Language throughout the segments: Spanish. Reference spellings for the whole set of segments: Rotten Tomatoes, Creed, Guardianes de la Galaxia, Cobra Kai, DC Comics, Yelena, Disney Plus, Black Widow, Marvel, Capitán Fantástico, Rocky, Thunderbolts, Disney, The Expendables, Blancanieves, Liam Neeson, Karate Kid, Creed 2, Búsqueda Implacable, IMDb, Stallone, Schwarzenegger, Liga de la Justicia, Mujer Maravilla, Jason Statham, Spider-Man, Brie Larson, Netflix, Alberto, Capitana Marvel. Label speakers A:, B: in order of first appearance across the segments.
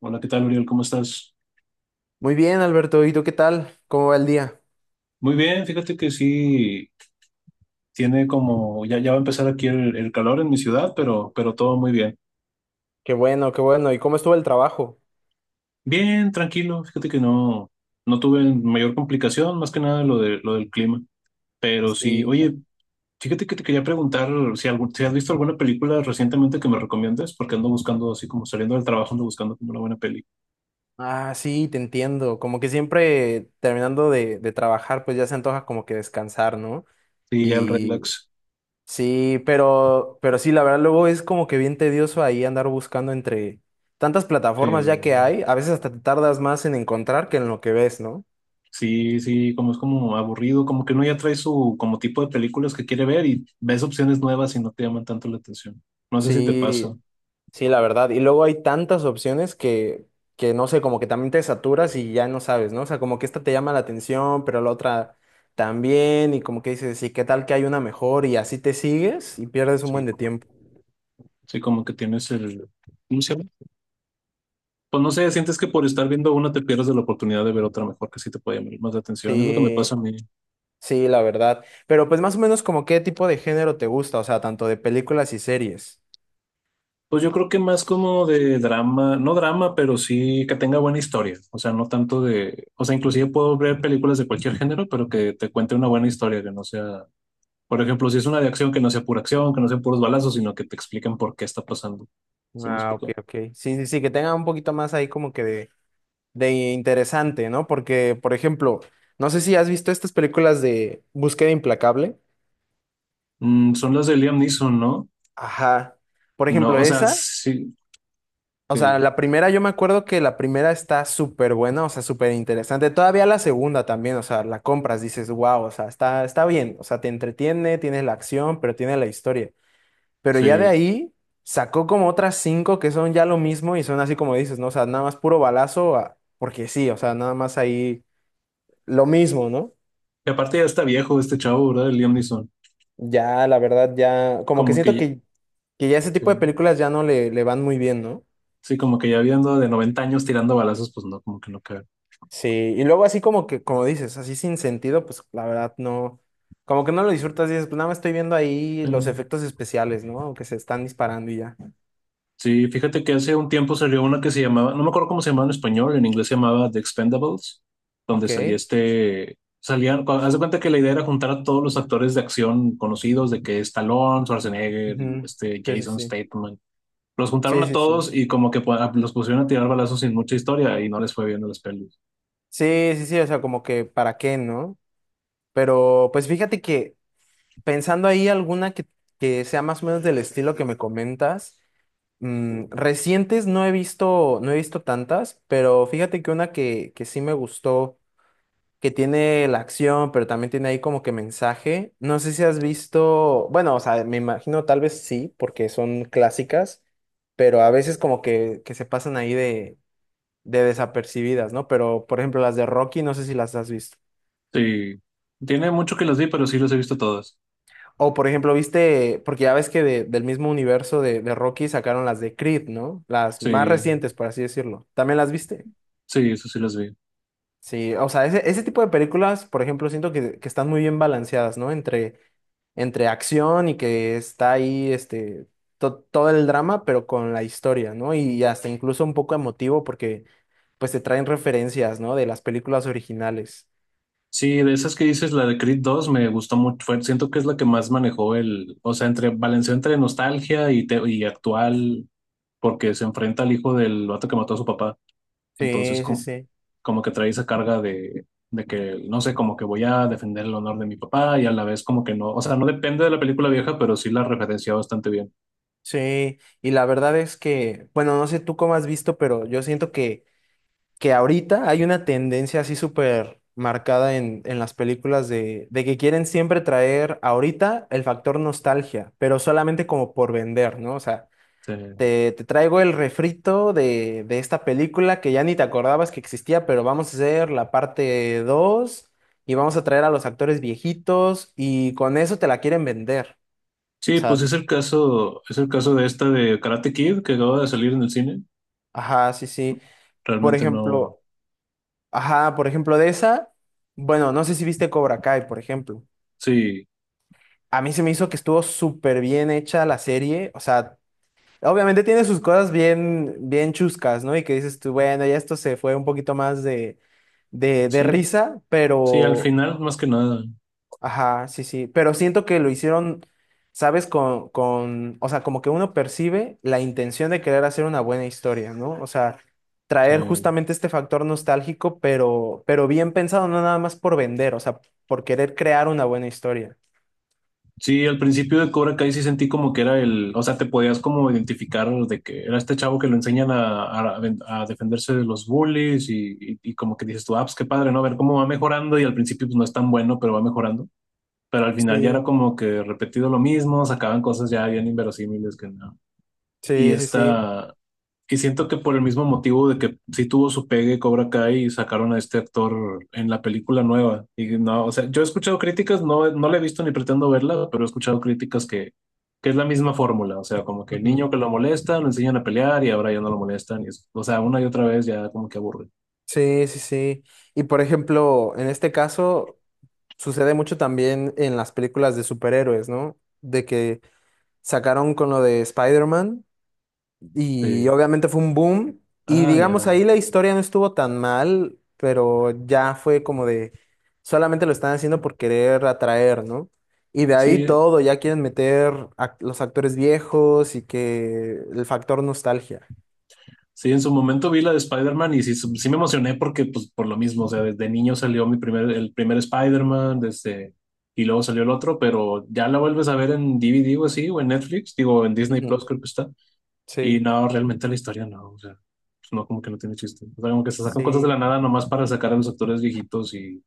A: Hola, ¿qué tal, Uriel? ¿Cómo estás?
B: Muy bien, Alberto. ¿Y tú qué tal? ¿Cómo va el día?
A: Muy bien, fíjate que sí, tiene como, ya va a empezar aquí el calor en mi ciudad, pero todo muy bien.
B: Qué bueno, qué bueno. ¿Y cómo estuvo el trabajo?
A: Bien, tranquilo, fíjate que no tuve mayor complicación, más que nada lo del clima. Pero sí,
B: Sí.
A: oye, fíjate que te quería preguntar si has visto alguna película recientemente que me recomiendes, porque ando buscando, así como saliendo del trabajo, ando buscando como una buena peli.
B: Ah, sí, te entiendo. Como que siempre terminando de trabajar, pues ya se antoja como que descansar, ¿no?
A: Sí, ya el
B: Y
A: relax.
B: sí, pero sí, la verdad, luego es como que bien tedioso ahí andar buscando entre tantas plataformas ya que
A: Sí.
B: hay. A veces hasta te tardas más en encontrar que en lo que ves, ¿no?
A: Sí, sí, como es como aburrido, como que uno ya trae su como tipo de películas que quiere ver y ves opciones nuevas y no te llaman tanto la atención. No sé si te pasa.
B: Sí. Sí, la verdad. Y luego hay tantas opciones que no sé, como que también te saturas y ya no sabes, ¿no? O sea, como que esta te llama la atención, pero la otra también, y como que dices, ¿y qué tal que hay una mejor? Y así te sigues y pierdes un
A: Sí,
B: buen de
A: ¿no?
B: tiempo.
A: Sí, como que tienes el, ¿cómo se llama? Pues no sé, sientes que por estar viendo una te pierdes de la oportunidad de ver otra mejor que sí te puede llamar más la atención. Es lo que me
B: Sí,
A: pasa a mí.
B: sí, la verdad. Pero pues más o menos como qué tipo de género te gusta, o sea, tanto de películas y series.
A: Pues yo creo que más como de drama, no drama, pero sí que tenga buena historia. O sea, no tanto de, o sea, inclusive puedo ver películas de cualquier género, pero que te cuente una buena historia, que no sea. Por ejemplo, si es una de acción que no sea pura acción, que no sean puros balazos, sino que te expliquen por qué está pasando. ¿Sí me
B: Ah, ok,
A: explico?
B: ok. Sí, sí, sí, que tenga un poquito más ahí como que de interesante, ¿no? Porque, por ejemplo, no sé si has visto estas películas de Búsqueda Implacable.
A: Son las de Liam Neeson, ¿no?
B: Ajá. Por
A: No,
B: ejemplo,
A: o sea,
B: esa,
A: sí,
B: o sea,
A: sí,
B: la primera, yo me acuerdo que la primera está súper buena, o sea, súper interesante. Todavía la segunda también, o sea, la compras, dices, wow, o sea, está, está bien, o sea, te entretiene, tienes la acción, pero tiene la historia. Pero ya de
A: sí.
B: ahí sacó como otras cinco que son ya lo mismo y son así como dices, ¿no? O sea, nada más puro balazo, ah, porque sí, o sea, nada más ahí lo mismo, ¿no?
A: Y aparte ya está viejo este chavo, ¿verdad? El Liam Neeson.
B: Ya, la verdad, ya, como que
A: Como
B: siento
A: que,
B: que ya ese tipo de
A: sí,
B: películas ya no le, le van muy bien, ¿no?
A: sí, como que ya viendo de 90 años tirando balazos, pues no, como que no cabe.
B: Sí, y luego así como que, como dices, así sin sentido, pues la verdad no, como que no lo disfrutas, dices, pues nada más estoy viendo ahí los efectos especiales, ¿no? Que se están disparando y ya.
A: Sí, fíjate que hace un tiempo salió una que se llamaba, no me acuerdo cómo se llamaba en español, en inglés se llamaba The Expendables, donde
B: Ok.
A: salían, haz de cuenta que la idea era juntar a todos los actores de acción conocidos, de que Stallone, Schwarzenegger y
B: Ujú.
A: este
B: Sí, sí,
A: Jason
B: sí.
A: Statham, los juntaron
B: Sí,
A: a
B: sí, sí.
A: todos y como que los pusieron a tirar balazos sin mucha historia y no les fue bien a las pelis.
B: Sí, sí, sí, o sea, como que para qué, ¿no? Pero pues fíjate que pensando ahí alguna que sea más o menos del estilo que me comentas, recientes no he visto, no he visto tantas, pero fíjate que una que sí me gustó. Que tiene la acción, pero también tiene ahí como que mensaje. No sé si has visto, bueno, o sea, me imagino tal vez sí, porque son clásicas, pero a veces como que se pasan ahí de desapercibidas, ¿no? Pero, por ejemplo, las de Rocky, no sé si las has visto.
A: Sí, tiene mucho que las vi, pero sí las he visto todas.
B: O, por ejemplo, viste, porque ya ves que del mismo universo de Rocky sacaron las de Creed, ¿no? Las más
A: Sí,
B: recientes, por así decirlo. ¿También las viste?
A: sí, eso sí las vi.
B: Sí, o sea, ese tipo de películas, por ejemplo, siento que están muy bien balanceadas, ¿no? Entre acción y que está ahí este, todo el drama, pero con la historia, ¿no? Y hasta incluso un poco emotivo porque pues te traen referencias, ¿no? De las películas originales.
A: Sí, de esas que dices, la de Creed 2 me gustó mucho. Siento que es la que más manejó el, o sea, entre balanceó entre nostalgia y actual, porque se enfrenta al hijo del vato que mató a su papá. Entonces,
B: Sí, sí, sí.
A: como que trae esa carga de que, no sé, como que voy a defender el honor de mi papá y a la vez como que no, o sea, no depende de la película vieja, pero sí la referencia bastante bien.
B: Sí, y la verdad es que, bueno, no sé tú cómo has visto, pero yo siento que ahorita hay una tendencia así súper marcada en las películas de que quieren siempre traer ahorita el factor nostalgia, pero solamente como por vender, ¿no? O sea,
A: Sí,
B: te traigo el refrito de esta película que ya ni te acordabas que existía, pero vamos a hacer la parte 2 y vamos a traer a los actores viejitos y con eso te la quieren vender. O
A: sí,
B: sea,
A: pues es el caso de esta de Karate Kid que acaba de salir en el cine.
B: ajá, sí, sí. Por
A: Realmente no,
B: ejemplo, ajá, por ejemplo, de esa, bueno, no sé si viste Cobra Kai, por ejemplo.
A: sí,
B: A mí se me hizo que estuvo súper bien hecha la serie. O sea, obviamente tiene sus cosas bien, bien chuscas, ¿no? Y que dices tú, bueno, ya esto se fue un poquito más de
A: sí.
B: risa,
A: Sí, al
B: pero,
A: final, más que nada.
B: ajá, sí, sí. Pero siento que lo hicieron, ¿sabes? O sea, como que uno percibe la intención de querer hacer una buena historia, ¿no? O sea, traer
A: Sí.
B: justamente este factor nostálgico, pero bien pensado, no nada más por vender, o sea, por querer crear una buena historia.
A: Sí, al principio de Cobra Kai sí sentí como que era el, o sea, te podías como identificar de que era este chavo que lo enseñan a defenderse de los bullies y como que dices tú, ah, pues qué padre, ¿no? A ver cómo va mejorando y al principio pues no es tan bueno, pero va mejorando. Pero al final ya era
B: Sí.
A: como que repetido lo mismo, sacaban cosas ya bien inverosímiles que no. Y
B: Sí, sí, sí.
A: esta, Y siento que por el mismo motivo de que sí tuvo su pegue Cobra Kai y sacaron a este actor en la película nueva. Y no, o sea, yo he escuchado críticas, no, no la he visto ni pretendo verla, pero he escuchado críticas que es la misma fórmula. O sea, como que el
B: Ujú.
A: niño que lo molesta, lo enseñan a pelear y ahora ya no lo molestan. O sea, una y otra vez ya como que aburre.
B: Sí, sí, sí. Y por ejemplo, en este caso sucede mucho también en las películas de superhéroes, ¿no? De que sacaron con lo de Spider-Man y
A: Sí.
B: obviamente fue un boom y
A: Ah,
B: digamos
A: ya.
B: ahí la historia no estuvo tan mal, pero ya fue como de solamente lo están haciendo por querer atraer, ¿no? Y de ahí
A: Sí,
B: todo, ya quieren meter a los actores viejos y que el factor nostalgia.
A: sí, en su momento vi la de Spider-Man y sí, sí sí me emocioné porque, pues, por lo mismo, o sea, desde niño salió el primer Spider-Man, desde, y luego salió el otro, pero ya la vuelves a ver en DVD o así, o en Netflix, digo, en Disney Plus
B: Ujú.
A: creo que está, y
B: Sí,
A: no, realmente la historia no, o sea, pues, no, como que no tiene chiste. O sea, como que se sacan cosas de
B: sí,
A: la nada nomás para sacar a los actores viejitos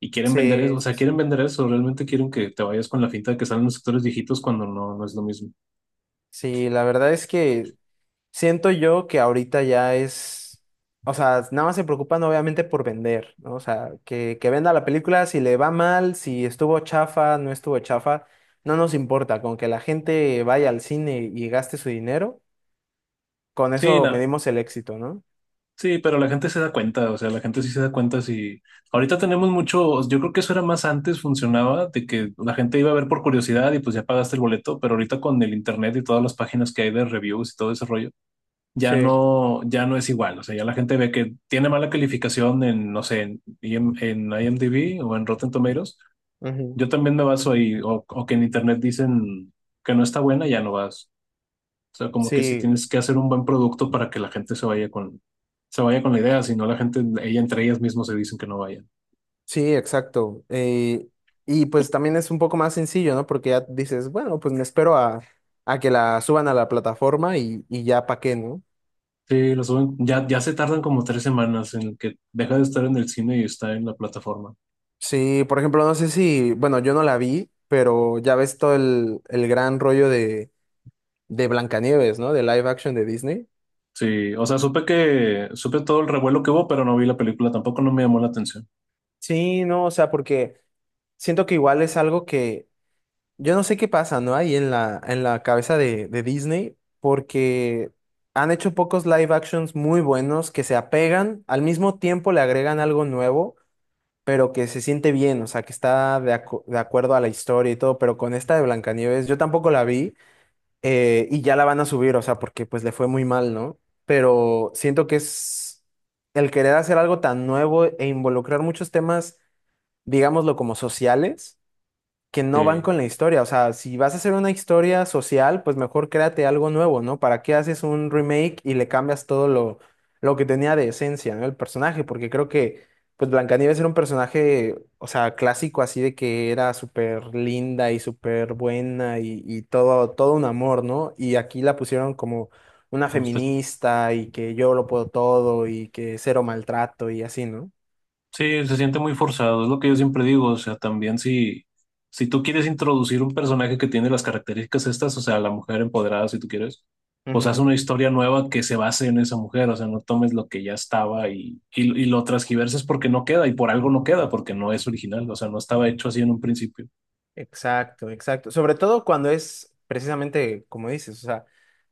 A: y quieren vender eso,
B: sí,
A: o sea,
B: sí,
A: quieren
B: sí.
A: vender eso, realmente quieren que te vayas con la finta de que salen los actores viejitos cuando no, no es lo mismo.
B: Sí, la verdad es que siento yo que ahorita ya es, o sea, nada más se preocupan obviamente por vender, ¿no? O sea, que venda la película, si le va mal, si estuvo chafa, no estuvo chafa, no nos importa, con que la gente vaya al cine y gaste su dinero, con
A: Sí,
B: eso
A: no,
B: medimos el éxito, ¿no?
A: sí, pero la gente se da cuenta, o sea, la gente sí se da cuenta si ahorita tenemos mucho, yo creo que eso era más antes, funcionaba, de que la gente iba a ver por curiosidad y pues ya pagaste el boleto, pero ahorita con el internet y todas las páginas que hay de reviews y todo ese rollo, ya
B: Sí.
A: no, ya no es igual, o sea, ya la gente ve que tiene mala calificación en, no sé, en IMDb o en Rotten Tomatoes,
B: Ujú.
A: yo también me baso ahí, o que en internet dicen que no está buena, ya no vas. O sea, como que si
B: Sí,
A: tienes que hacer un buen producto para que la gente se vaya con la idea, si no la gente, ella entre ellas mismas se dicen que no vayan.
B: sí, exacto. Y pues también es un poco más sencillo, ¿no? Porque ya dices, bueno, pues me espero a que la suban a la plataforma y ya pa' qué, ¿no?
A: Sí, lo suben, ya se tardan como 3 semanas en que deja de estar en el cine y está en la plataforma.
B: Sí, por ejemplo, no sé si, bueno, yo no la vi, pero ya ves todo el gran rollo de Blancanieves, ¿no? De live action de Disney.
A: Sí, o sea, supe todo el revuelo que hubo, pero no vi la película, tampoco no me llamó la atención.
B: Sí, no, o sea, porque siento que igual es algo que yo no sé qué pasa, ¿no? Ahí en la cabeza de Disney, porque han hecho pocos live actions muy buenos que se apegan, al mismo tiempo le agregan algo nuevo, pero que se siente bien, o sea, que está de, de acuerdo a la historia y todo, pero con esta de Blancanieves, yo tampoco la vi. Eh, y ya la van a subir, o sea, porque pues le fue muy mal, ¿no? Pero siento que es el querer hacer algo tan nuevo e involucrar muchos temas, digámoslo como sociales, que no van
A: Sí,
B: con la historia. O sea, si vas a hacer una historia social, pues mejor créate algo nuevo, ¿no? ¿Para qué haces un remake y le cambias todo lo que tenía de esencia, ¿no? El personaje, porque creo que, pues Blancanieves era un personaje, o sea, clásico, así de que era súper linda y súper buena y todo, todo un amor, ¿no? Y aquí la pusieron como una
A: no está.
B: feminista y que yo lo puedo todo y que cero maltrato y así, ¿no?
A: Sí, se siente muy forzado, es lo que yo siempre digo, o sea, también si tú quieres introducir un personaje que tiene las características estas, o sea, la mujer empoderada, si tú quieres, pues haz
B: Ujú.
A: una historia nueva que se base en esa mujer, o sea, no tomes lo que ya estaba y lo transgiverses porque no queda y por algo no queda, porque no es original, o sea, no estaba hecho así en un principio.
B: Exacto, exacto. Sobre todo cuando es precisamente como dices, o sea,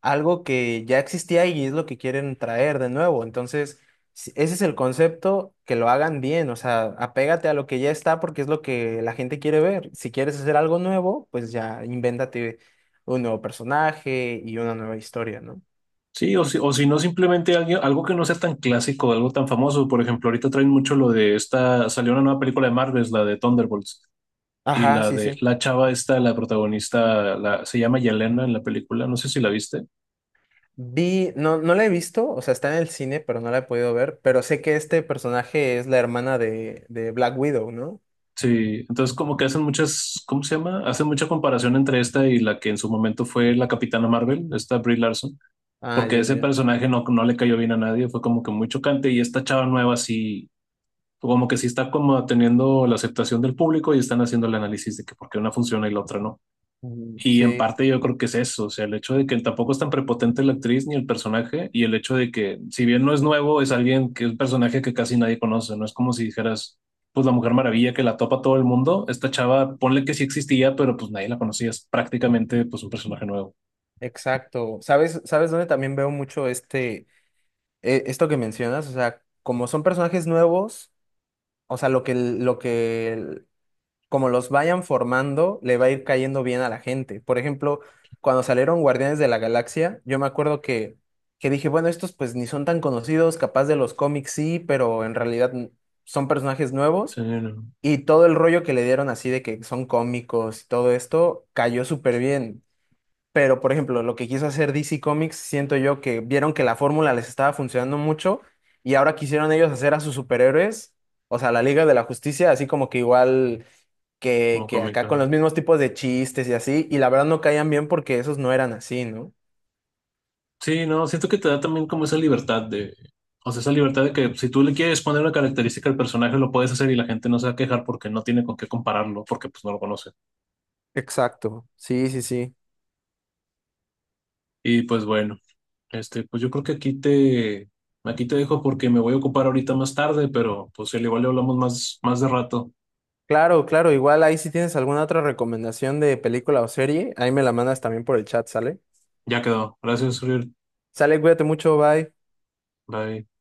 B: algo que ya existía y es lo que quieren traer de nuevo. Entonces, ese es el concepto, que lo hagan bien, o sea, apégate a lo que ya está porque es lo que la gente quiere ver. Si quieres hacer algo nuevo, pues ya invéntate un nuevo personaje y una nueva historia, ¿no?
A: Sí, o si no, simplemente algo que no sea tan clásico, algo tan famoso, por ejemplo, ahorita traen mucho lo de esta, salió una nueva película de Marvel, la de Thunderbolts. Y
B: Ajá,
A: la
B: sí,
A: de
B: sí.
A: la chava esta, la protagonista, se llama Yelena en la película, no sé si la viste.
B: Vi, no, no la he visto, o sea, está en el cine, pero no la he podido ver, pero sé que este personaje es la hermana de Black Widow, ¿no?
A: Sí, entonces como que hacen muchas, ¿cómo se llama? Hacen mucha comparación entre esta y la que en su momento fue la Capitana Marvel, esta Brie Larson,
B: Ah,
A: porque
B: ya,
A: ese
B: ya.
A: personaje no le cayó bien a nadie, fue como que muy chocante y esta chava nueva sí, como que sí está como teniendo la aceptación del público y están haciendo el análisis de que por qué una funciona y la otra no.
B: Ujú.
A: Y en
B: Sí,
A: parte yo creo que es eso, o sea, el hecho de que él tampoco es tan prepotente la actriz ni el personaje, y el hecho de que, si bien no es nuevo, es alguien que es un personaje que casi nadie conoce, no es como si dijeras, pues la Mujer Maravilla que la topa todo el mundo, esta chava, ponle que sí existía, pero pues nadie la conocía, es prácticamente pues un personaje nuevo.
B: exacto. ¿Sabes dónde también veo mucho este, esto que mencionas? O sea, como son personajes nuevos, o sea, como los vayan formando, le va a ir cayendo bien a la gente. Por ejemplo, cuando salieron Guardianes de la Galaxia, yo me acuerdo que dije, bueno, estos pues ni son tan conocidos, capaz de los cómics sí, pero en realidad son personajes
A: Sí,
B: nuevos.
A: no,
B: Y todo el rollo que le dieron así de que son cómicos y todo esto cayó súper bien. Pero, por ejemplo, lo que quiso hacer DC Comics, siento yo que vieron que la fórmula les estaba funcionando mucho y ahora quisieron ellos hacer a sus superhéroes, o sea, la Liga de la Justicia, así como que igual
A: como
B: que acá
A: cómica.
B: con los mismos tipos de chistes y así, y la verdad no caían bien porque esos no eran así, ¿no?
A: Sí, no, siento que te da también como esa libertad de, o sea, esa libertad de que si tú le quieres poner una característica al personaje, lo puedes hacer y la gente no se va a quejar porque no tiene con qué compararlo, porque pues no lo conoce.
B: Exacto, sí, sí, sí.
A: Y pues bueno. Este, pues yo creo que aquí te dejo porque me voy a ocupar ahorita más tarde, pero pues al igual le hablamos más de rato.
B: Claro, claro, igual ahí si tienes alguna otra recomendación de película o serie, ahí me la mandas también por el chat, ¿sale?
A: Ya quedó. Gracias, Uriel.
B: Sale, cuídate mucho, bye.
A: Bye.